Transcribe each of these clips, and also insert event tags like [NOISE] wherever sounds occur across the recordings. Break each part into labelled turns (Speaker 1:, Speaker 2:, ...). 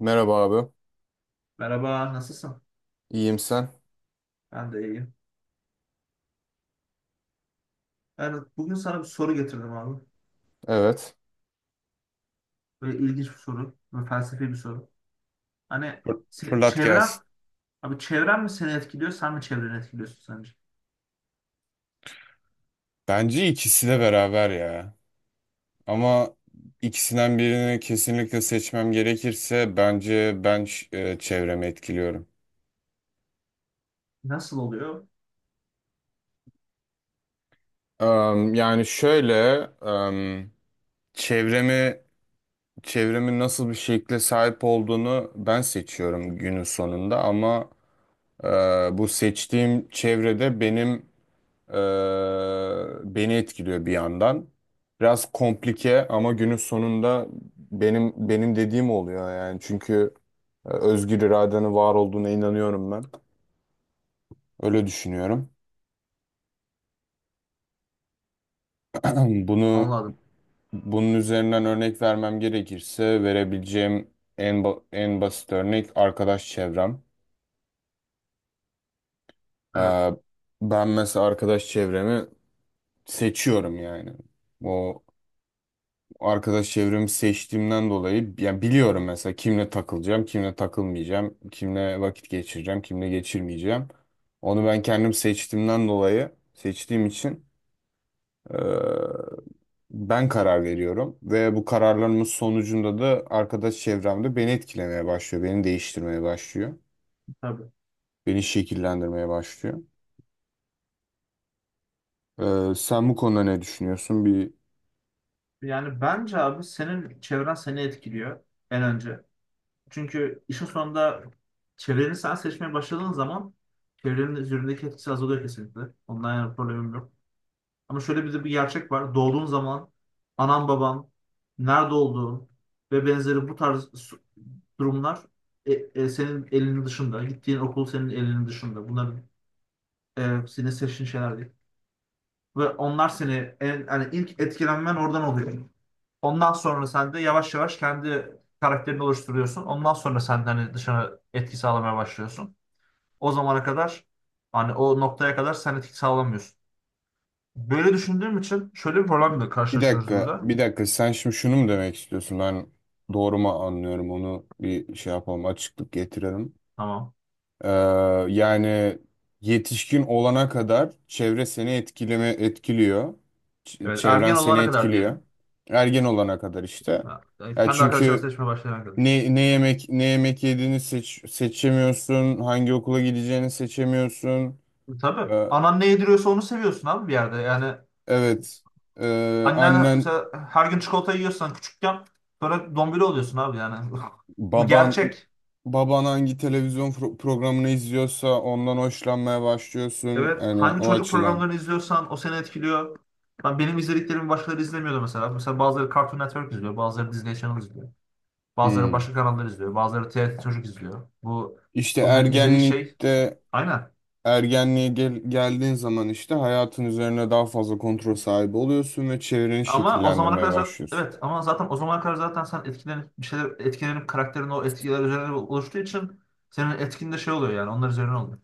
Speaker 1: Merhaba abi.
Speaker 2: Merhaba, nasılsın?
Speaker 1: İyiyim sen?
Speaker 2: Ben de iyiyim. Yani bugün sana bir soru getirdim abi.
Speaker 1: Evet.
Speaker 2: Böyle ilginç bir soru, böyle felsefi bir soru. Hani
Speaker 1: Fırlat
Speaker 2: çevren,
Speaker 1: gelsin.
Speaker 2: abi çevren mi seni etkiliyor, sen mi çevreni etkiliyorsun sence?
Speaker 1: Bence ikisi de beraber ya. Ama ikisinden birini kesinlikle seçmem gerekirse bence ben çevremi etkiliyorum.
Speaker 2: Nasıl oluyor?
Speaker 1: Yani şöyle, em, çevremi çevremin nasıl bir şekle sahip olduğunu ben seçiyorum günün sonunda, ama e, bu seçtiğim çevrede benim, Ee, beni etkiliyor bir yandan. Biraz komplike, ama günün sonunda benim dediğim oluyor yani. Çünkü özgür iradenin var olduğuna inanıyorum ben. Öyle düşünüyorum. [CLEARS THROAT] Bunu
Speaker 2: Anladım.
Speaker 1: bunun üzerinden örnek vermem gerekirse verebileceğim en basit örnek arkadaş çevrem. Ee,
Speaker 2: Evet.
Speaker 1: ben mesela arkadaş çevremi seçiyorum yani. O arkadaş çevremi seçtiğimden dolayı yani biliyorum mesela kimle takılacağım, kimle takılmayacağım, kimle vakit geçireceğim, kimle geçirmeyeceğim. Onu ben kendim seçtiğimden dolayı seçtiğim için eee, ben karar veriyorum ve bu kararlarımın sonucunda da arkadaş çevremde beni etkilemeye başlıyor, beni değiştirmeye başlıyor,
Speaker 2: Tabii.
Speaker 1: beni şekillendirmeye başlıyor. Sen bu konuda ne düşünüyorsun?
Speaker 2: Yani bence abi senin çevren seni etkiliyor en önce. Çünkü işin sonunda çevreni sen seçmeye başladığın zaman çevrenin üzerindeki etkisi azalıyor kesinlikle. Ondan yana problemim yok. Ama şöyle bir de bir gerçek var. Doğduğun zaman anan baban nerede olduğun ve benzeri bu tarz durumlar senin elinin dışında. Gittiğin okul senin elinin dışında. Bunlar senin seçtiğin şeyler değil. Ve onlar seni yani ilk etkilenmen oradan oluyor. Ondan sonra sen de yavaş yavaş kendi karakterini oluşturuyorsun. Ondan sonra sen de hani dışına etki sağlamaya başlıyorsun. O zamana kadar hani o noktaya kadar sen etki sağlamıyorsun. Böyle düşündüğüm için şöyle bir problemle
Speaker 1: Bir
Speaker 2: karşılaşıyoruz
Speaker 1: dakika,
Speaker 2: burada.
Speaker 1: bir dakika. Sen şimdi şunu mu demek istiyorsun? Ben doğru mu anlıyorum? Onu bir şey yapalım, açıklık getirelim.
Speaker 2: Tamam.
Speaker 1: Ee, yani yetişkin olana kadar çevre seni etkiliyor. Ç-
Speaker 2: Evet,
Speaker 1: çevren
Speaker 2: ergen
Speaker 1: seni
Speaker 2: olana kadar
Speaker 1: etkiliyor.
Speaker 2: diyelim.
Speaker 1: Ergen olana kadar işte.
Speaker 2: Ha, yani
Speaker 1: Ya
Speaker 2: kendi arkadaşlarını
Speaker 1: çünkü
Speaker 2: seçmeye başlayana kadar.
Speaker 1: ne yemek yediğini seçemiyorsun, hangi okula gideceğini seçemiyorsun.
Speaker 2: Tabii.
Speaker 1: Ee,
Speaker 2: Anan ne yediriyorsa onu seviyorsun abi bir yerde. Yani
Speaker 1: evet.
Speaker 2: annen
Speaker 1: Annen
Speaker 2: mesela her gün çikolata yiyorsan küçükken sonra dombili oluyorsun abi yani. [LAUGHS] Bu
Speaker 1: Baban
Speaker 2: gerçek.
Speaker 1: baban hangi televizyon programını izliyorsa ondan hoşlanmaya başlıyorsun.
Speaker 2: Evet.
Speaker 1: Yani
Speaker 2: Hangi
Speaker 1: o
Speaker 2: çocuk
Speaker 1: açıdan.
Speaker 2: programlarını izliyorsan o seni etkiliyor. Ben benim izlediklerimi başkaları izlemiyordu mesela. Mesela bazıları Cartoon Network izliyor, bazıları Disney Channel izliyor. Bazıları
Speaker 1: Hmm.
Speaker 2: başka kanallar izliyor, bazıları TRT Çocuk izliyor. Bu
Speaker 1: İşte
Speaker 2: onların izlediği şey
Speaker 1: ergenlikte
Speaker 2: aynen.
Speaker 1: ergenliğe geldiğin zaman işte hayatın üzerine daha fazla kontrol sahibi oluyorsun ve çevreni
Speaker 2: Ama o zamana
Speaker 1: şekillendirmeye
Speaker 2: kadar zaten,
Speaker 1: başlıyorsun.
Speaker 2: evet ama zaten o zamana kadar zaten sen etkilenip bir şeyler etkilenip karakterin o etkiler üzerine oluştuğu için senin etkin de şey oluyor yani onlar üzerine oluyor.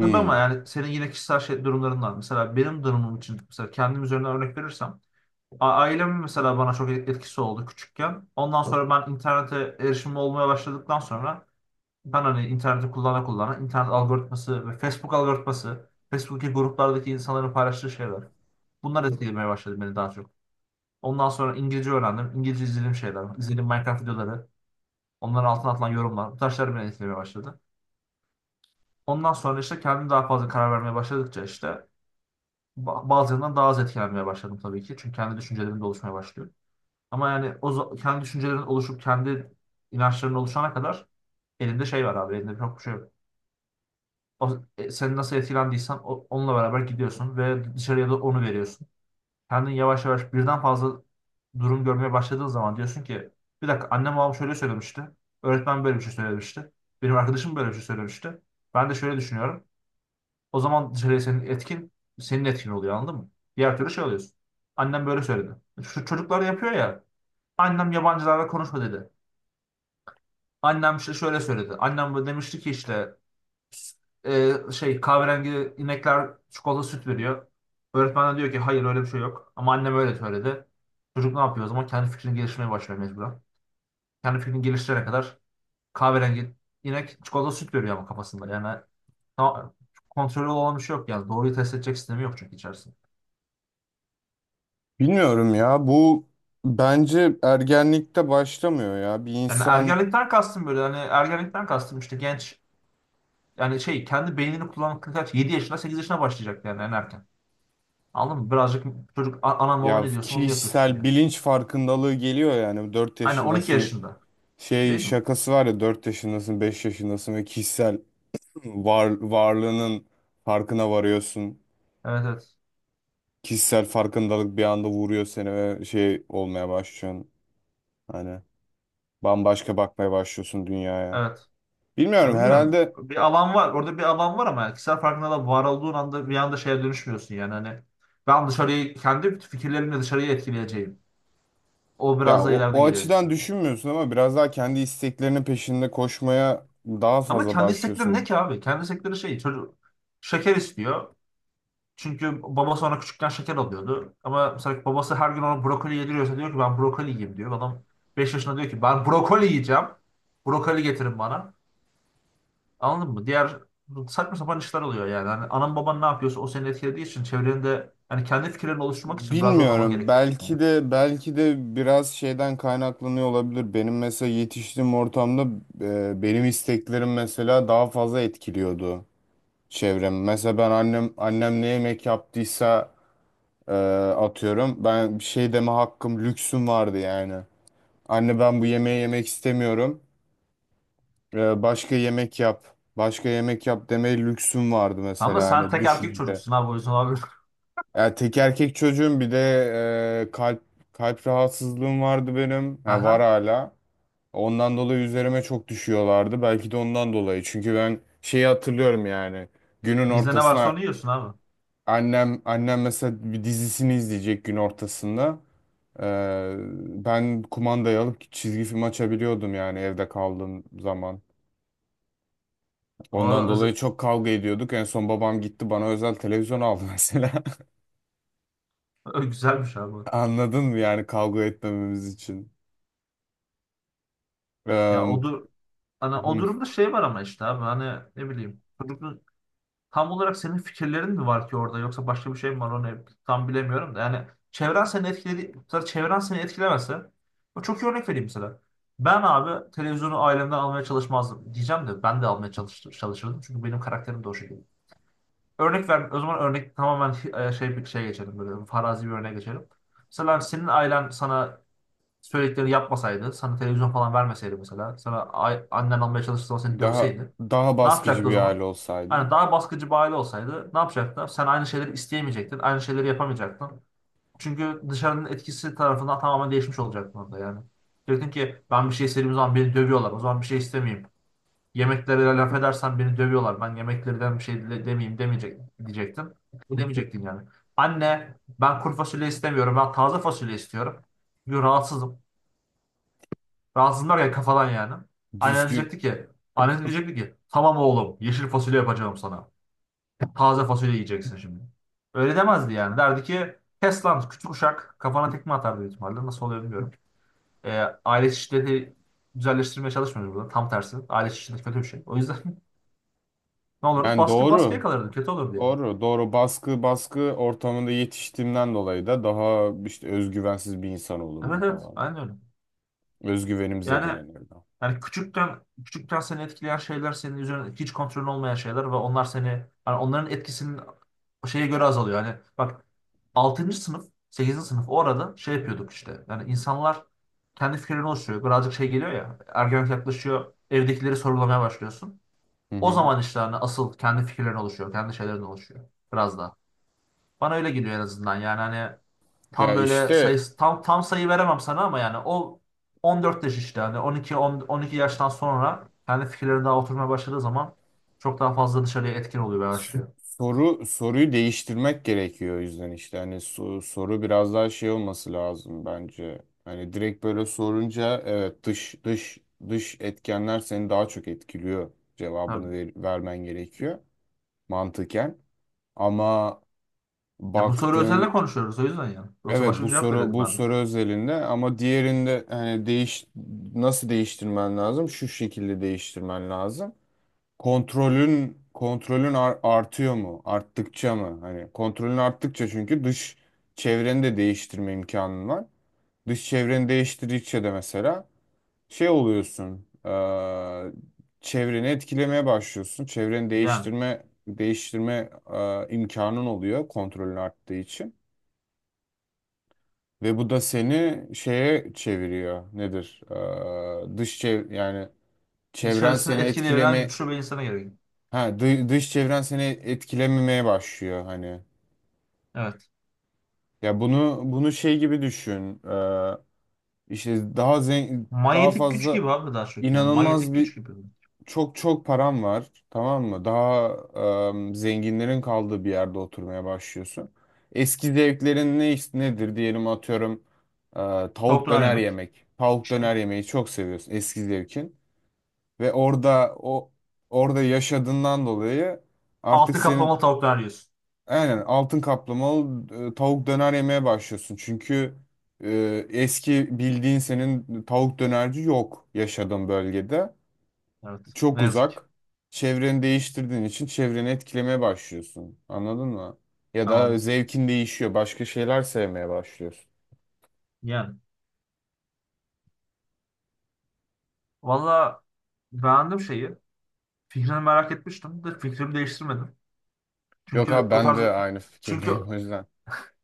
Speaker 2: Tabii ama yani senin yine kişisel şey, durumların var. Mesela benim durumum için mesela kendim üzerinden örnek verirsem ailemin mesela bana çok etkisi oldu küçükken. Ondan sonra ben internete erişimim olmaya başladıktan sonra ben hani interneti kullana kullana internet algoritması ve Facebook algoritması, Facebook'taki gruplardaki insanların paylaştığı şeyler. Bunlar etkilemeye başladı beni daha çok. Ondan sonra İngilizce öğrendim. İngilizce izlediğim şeyler, izlediğim Minecraft videoları, onların altına atılan yorumlar, bu taşlar beni etkilemeye başladı. Ondan sonra işte kendim daha fazla karar vermeye başladıkça işte bazılarından daha az etkilenmeye başladım tabii ki. Çünkü kendi düşüncelerim de oluşmaya başlıyor. Ama yani kendi düşüncelerin oluşup kendi inançların oluşana kadar elinde şey var abi, elinde çok bir şey yok. O, seni nasıl etkilendiysen onunla beraber gidiyorsun ve dışarıya da onu veriyorsun. Kendin yavaş yavaş birden fazla durum görmeye başladığın zaman diyorsun ki bir dakika, annem babam şöyle söylemişti. Öğretmen böyle bir şey söylemişti. Benim arkadaşım böyle bir şey söylemişti. Ben de şöyle düşünüyorum. O zaman dışarıya senin etkin oluyor, anladın mı? Diğer türlü şey oluyorsun. Annem böyle söyledi. Şu çocuklar yapıyor ya. Annem yabancılarla konuşma dedi. Annem işte şöyle söyledi. Annem böyle demişti ki işte şey, kahverengi inekler çikolata süt veriyor. Öğretmen de diyor ki hayır öyle bir şey yok. Ama annem öyle söyledi. Çocuk ne yapıyor o zaman? Kendi fikrini geliştirmeye başlıyor mecburen. Kendi fikrini geliştirene kadar kahverengi inek çikolata süt veriyor ama kafasında. Yani ta- kontrolü olan bir şey yok yani. Doğruyu test edecek sistemi yok çünkü içerisinde.
Speaker 1: Bilmiyorum ya, bu bence ergenlikte başlamıyor ya. Bir
Speaker 2: Yani
Speaker 1: insan,
Speaker 2: ergenlikten kastım böyle. Hani ergenlikten kastım işte genç, yani şey, kendi beynini kullanmakla kaç, 7 yaşına 8 yaşına başlayacak yani en erken. Anladın mı? Birazcık çocuk, Anam baba
Speaker 1: ya
Speaker 2: ne diyorsun onu yapıyorsun"
Speaker 1: kişisel
Speaker 2: yani.
Speaker 1: bilinç farkındalığı geliyor yani, 4
Speaker 2: Aynen, 12
Speaker 1: yaşındasın.
Speaker 2: yaşında.
Speaker 1: Şey
Speaker 2: Değil mi?
Speaker 1: şakası var ya, 4 yaşındasın, 5 yaşındasın ve kişisel varlığının farkına varıyorsun.
Speaker 2: Evet, evet.
Speaker 1: Kişisel farkındalık bir anda vuruyor seni ve şey olmaya başlıyorsun. Hani bambaşka bakmaya başlıyorsun dünyaya.
Speaker 2: Evet. Ya
Speaker 1: Bilmiyorum
Speaker 2: bilmiyorum.
Speaker 1: herhalde,
Speaker 2: Bir alan var. Orada bir alan var ama kişisel farkında da var olduğun anda bir anda şeye dönüşmüyorsun yani. Hani ben dışarıyı kendi fikirlerimle dışarıyı etkileyeceğim. O
Speaker 1: ya
Speaker 2: biraz da
Speaker 1: o,
Speaker 2: ileride
Speaker 1: o
Speaker 2: geliyor, büyük
Speaker 1: açıdan
Speaker 2: ihtimalle.
Speaker 1: düşünmüyorsun ama biraz daha kendi isteklerinin peşinde koşmaya daha
Speaker 2: Ama
Speaker 1: fazla
Speaker 2: kendi istekleri ne
Speaker 1: başlıyorsun.
Speaker 2: ki abi? Kendi istekleri şey, çocuk şeker istiyor. Çünkü babası ona küçükken şeker alıyordu. Ama mesela babası her gün ona brokoli yediriyorsa diyor ki ben brokoli yiyeyim diyor. Adam 5 yaşında diyor ki ben brokoli yiyeceğim. Brokoli getirin bana. Anladın mı? Diğer saçma sapan işler oluyor yani. Hani anan baban ne yapıyorsa o seni etkilediği için çevrende, yani kendi fikirlerini oluşturmak için biraz daha zaman
Speaker 1: Bilmiyorum.
Speaker 2: gerekiyor. Yani.
Speaker 1: Belki de biraz şeyden kaynaklanıyor olabilir. Benim mesela yetiştiğim ortamda benim isteklerim mesela daha fazla etkiliyordu çevrem. Mesela ben annem ne yemek yaptıysa e, atıyorum. Ben bir şey deme hakkım, lüksüm vardı yani. Anne ben bu yemeği yemek istemiyorum. Başka yemek yap. Başka yemek yap demeye lüksüm vardı
Speaker 2: Ama
Speaker 1: mesela
Speaker 2: sen
Speaker 1: hani
Speaker 2: tek erkek
Speaker 1: düşününce.
Speaker 2: çocuksun abi, o yüzden abi.
Speaker 1: Ya tek erkek çocuğum, bir de e, kalp kalp rahatsızlığım vardı benim.
Speaker 2: [LAUGHS]
Speaker 1: Ha, var
Speaker 2: Aha.
Speaker 1: hala. Ondan dolayı üzerime çok düşüyorlardı. Belki de ondan dolayı. Çünkü ben şeyi hatırlıyorum yani. Günün
Speaker 2: Bizde ne varsa onu
Speaker 1: ortasına
Speaker 2: yiyorsun abi.
Speaker 1: annem mesela bir dizisini izleyecek gün ortasında. Ee, ben kumandayı alıp çizgi film açabiliyordum yani evde kaldığım zaman. Ondan dolayı
Speaker 2: O,
Speaker 1: çok kavga ediyorduk. En son babam gitti, bana özel televizyon aldı [LAUGHS] mesela.
Speaker 2: o güzelmiş abi.
Speaker 1: Anladın mı yani kavga etmememiz için?
Speaker 2: Ya
Speaker 1: Eee,
Speaker 2: o, dur, hani o
Speaker 1: hı,
Speaker 2: durumda şey var ama işte abi hani ne bileyim. Çocuk, tam olarak senin fikirlerin mi var ki orada, yoksa başka bir şey mi var onu tam bilemiyorum da. Yani çevren seni etkiledi, mesela çevren seni etkilemese, o çok iyi örnek vereyim mesela. Ben abi televizyonu ailemden almaya çalışmazdım diyeceğim de, ben de almaya çalışırdım çünkü benim karakterim de o şekilde. Örnek ver, o zaman örnek tamamen şey, bir şey geçelim, böyle farazi bir örnek geçelim. Mesela senin ailen sana söyledikleri yapmasaydı, sana televizyon falan vermeseydi mesela, sana annen almaya çalıştığı zaman seni
Speaker 1: daha
Speaker 2: dövseydi,
Speaker 1: daha
Speaker 2: ne yapacaktı
Speaker 1: baskıcı
Speaker 2: o
Speaker 1: bir
Speaker 2: zaman?
Speaker 1: aile olsaydı.
Speaker 2: Hani daha baskıcı bir aile olsaydı ne yapacaktı? Sen aynı şeyleri isteyemeyecektin, aynı şeyleri yapamayacaktın. Çünkü dışarının etkisi tarafından tamamen değişmiş olacaktın orada yani. Diyecektin ki ben bir şey istediğim zaman beni dövüyorlar, o zaman bir şey istemeyeyim. Yemeklere laf edersen beni dövüyorlar, ben yemeklerden bir şey demeyeyim demeyecek, diyecektin. Bu demeyecektin yani. Anne ben kuru fasulye istemiyorum, ben taze fasulye istiyorum. Çünkü rahatsızım. Rahatsızlar ya kafadan yani. Annen
Speaker 1: Düzgün
Speaker 2: diyecekti ki, annen diyecekti ki, [LAUGHS] tamam oğlum yeşil fasulye yapacağım sana. Taze fasulye yiyeceksin şimdi. Öyle demezdi yani. Derdi ki kes lan küçük uşak, kafana tekme atar büyük ihtimalle. Nasıl oluyor bilmiyorum. Ee, aile şiddeti güzelleştirmeye çalışmıyoruz burada. Tam tersi. Aile şiddeti kötü bir şey. O yüzden [LAUGHS] ne olurdu?
Speaker 1: yani
Speaker 2: Baskıya
Speaker 1: doğru.
Speaker 2: kalırdı. Kötü olurdu yani.
Speaker 1: Doğru, doğru. Baskı, baskı ortamında yetiştiğimden dolayı da daha işte özgüvensiz bir insan
Speaker 2: Evet,
Speaker 1: olurdum
Speaker 2: evet.
Speaker 1: falan.
Speaker 2: Aynen öyle.
Speaker 1: Özgüvenim
Speaker 2: Yani
Speaker 1: zedelenirdi.
Speaker 2: Yani küçükten küçükten seni etkileyen şeyler, senin üzerine hiç kontrolün olmayan şeyler ve onlar seni, yani onların etkisinin şeye göre azalıyor. Yani bak, 6. sınıf, 8. sınıf, o arada şey yapıyorduk işte. Yani insanlar kendi fikirlerini oluşturuyor. Birazcık şey geliyor ya, ergenlik yaklaşıyor. Evdekileri sorgulamaya başlıyorsun.
Speaker 1: Hı
Speaker 2: O
Speaker 1: hı.
Speaker 2: zaman işte hani asıl kendi fikirlerin oluşuyor. Kendi şeylerin oluşuyor. Biraz daha. Bana öyle geliyor en azından. Yani hani
Speaker 1: Ya
Speaker 2: tam böyle
Speaker 1: işte
Speaker 2: sayısı tam sayı veremem sana, ama yani o 14 yaş işte, hani 12, 10, 12 yaştan sonra kendi fikirleri daha oturmaya başladığı zaman çok daha fazla dışarıya etkin oluyor ve başlıyor.
Speaker 1: soruyu değiştirmek gerekiyor, o yüzden işte hani soru biraz daha şey olması lazım bence. Hani direkt böyle sorunca, evet dış etkenler seni daha çok etkiliyor. Cevabını
Speaker 2: Tabii.
Speaker 1: vermen gerekiyor mantıken. Ama
Speaker 2: Ya bu soru üzerine
Speaker 1: baktığın,
Speaker 2: konuşuyoruz o yüzden yani. Yoksa
Speaker 1: evet,
Speaker 2: başka
Speaker 1: bu
Speaker 2: bir cevap
Speaker 1: soru
Speaker 2: verirdim
Speaker 1: bu
Speaker 2: ben de.
Speaker 1: soru özelinde, ama diğerinde hani nasıl değiştirmen lazım? Şu şekilde değiştirmen lazım: kontrolün artıyor mu? Arttıkça mı? Hani kontrolün arttıkça, çünkü dış çevreni de değiştirme imkanın var. Dış çevreni değiştirdikçe de mesela şey oluyorsun. Çevreni etkilemeye başlıyorsun. Çevreni
Speaker 2: Yani
Speaker 1: değiştirme imkanın oluyor, kontrolün arttığı için. Ve bu da seni şeye çeviriyor. Nedir? Dış çev, yani çevren
Speaker 2: dışarısını
Speaker 1: seni
Speaker 2: etkileyebilen
Speaker 1: etkileme.
Speaker 2: güçlü bir insana gerekiyor.
Speaker 1: Ha, dış çevren seni etkilememeye başlıyor hani.
Speaker 2: Evet.
Speaker 1: Ya bunu şey gibi düşün. İşte daha zengin, daha
Speaker 2: Manyetik güç
Speaker 1: fazla,
Speaker 2: gibi abi, daha çok yani.
Speaker 1: inanılmaz
Speaker 2: Manyetik
Speaker 1: bir,
Speaker 2: güç gibi.
Speaker 1: çok çok param var, tamam mı? Daha zenginlerin kaldığı bir yerde oturmaya başlıyorsun. Eski zevklerin nedir, diyelim atıyorum e,
Speaker 2: Tavuk
Speaker 1: tavuk
Speaker 2: döner
Speaker 1: döner
Speaker 2: yemek.
Speaker 1: yemek. Tavuk
Speaker 2: İşte bu.
Speaker 1: döner yemeyi çok seviyorsun, eski zevkin. Ve orada yaşadığından dolayı artık
Speaker 2: Altı kaplamalı
Speaker 1: senin.
Speaker 2: tavuk döner yiyorsun.
Speaker 1: Aynen, altın kaplamalı tavuk döner yemeye başlıyorsun. Çünkü eski bildiğin senin tavuk dönerci yok yaşadığın bölgede.
Speaker 2: Evet.
Speaker 1: Çok
Speaker 2: Ne yazık ki.
Speaker 1: uzak. Çevreni değiştirdiğin için çevreni etkilemeye başlıyorsun. Anladın mı? Ya da
Speaker 2: Anladım.
Speaker 1: zevkin değişiyor. Başka şeyler sevmeye başlıyorsun.
Speaker 2: Yani. Valla beğendim şeyi. Fikrini merak etmiştim de fikrimi değiştirmedim.
Speaker 1: Yok
Speaker 2: Çünkü
Speaker 1: abi,
Speaker 2: o
Speaker 1: ben
Speaker 2: tarz,
Speaker 1: de aynı [LAUGHS]
Speaker 2: çünkü
Speaker 1: fikirdeyim o yüzden.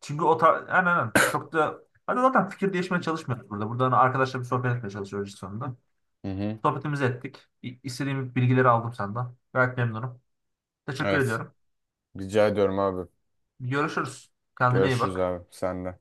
Speaker 2: çünkü o tarz, aynen, aynen. Çok da, hadi zaten fikir değişmeye çalışmıyoruz burada. Burada hani arkadaşla bir sohbet etmeye çalışıyoruz işte sonunda.
Speaker 1: Hı hı.
Speaker 2: Sohbetimizi ettik. İstediğim bilgileri aldım senden. Gayet memnunum. Teşekkür
Speaker 1: Evet.
Speaker 2: ediyorum.
Speaker 1: Rica ediyorum abi.
Speaker 2: Görüşürüz. Kendine iyi
Speaker 1: Görüşürüz
Speaker 2: bak.
Speaker 1: abi. Sen de.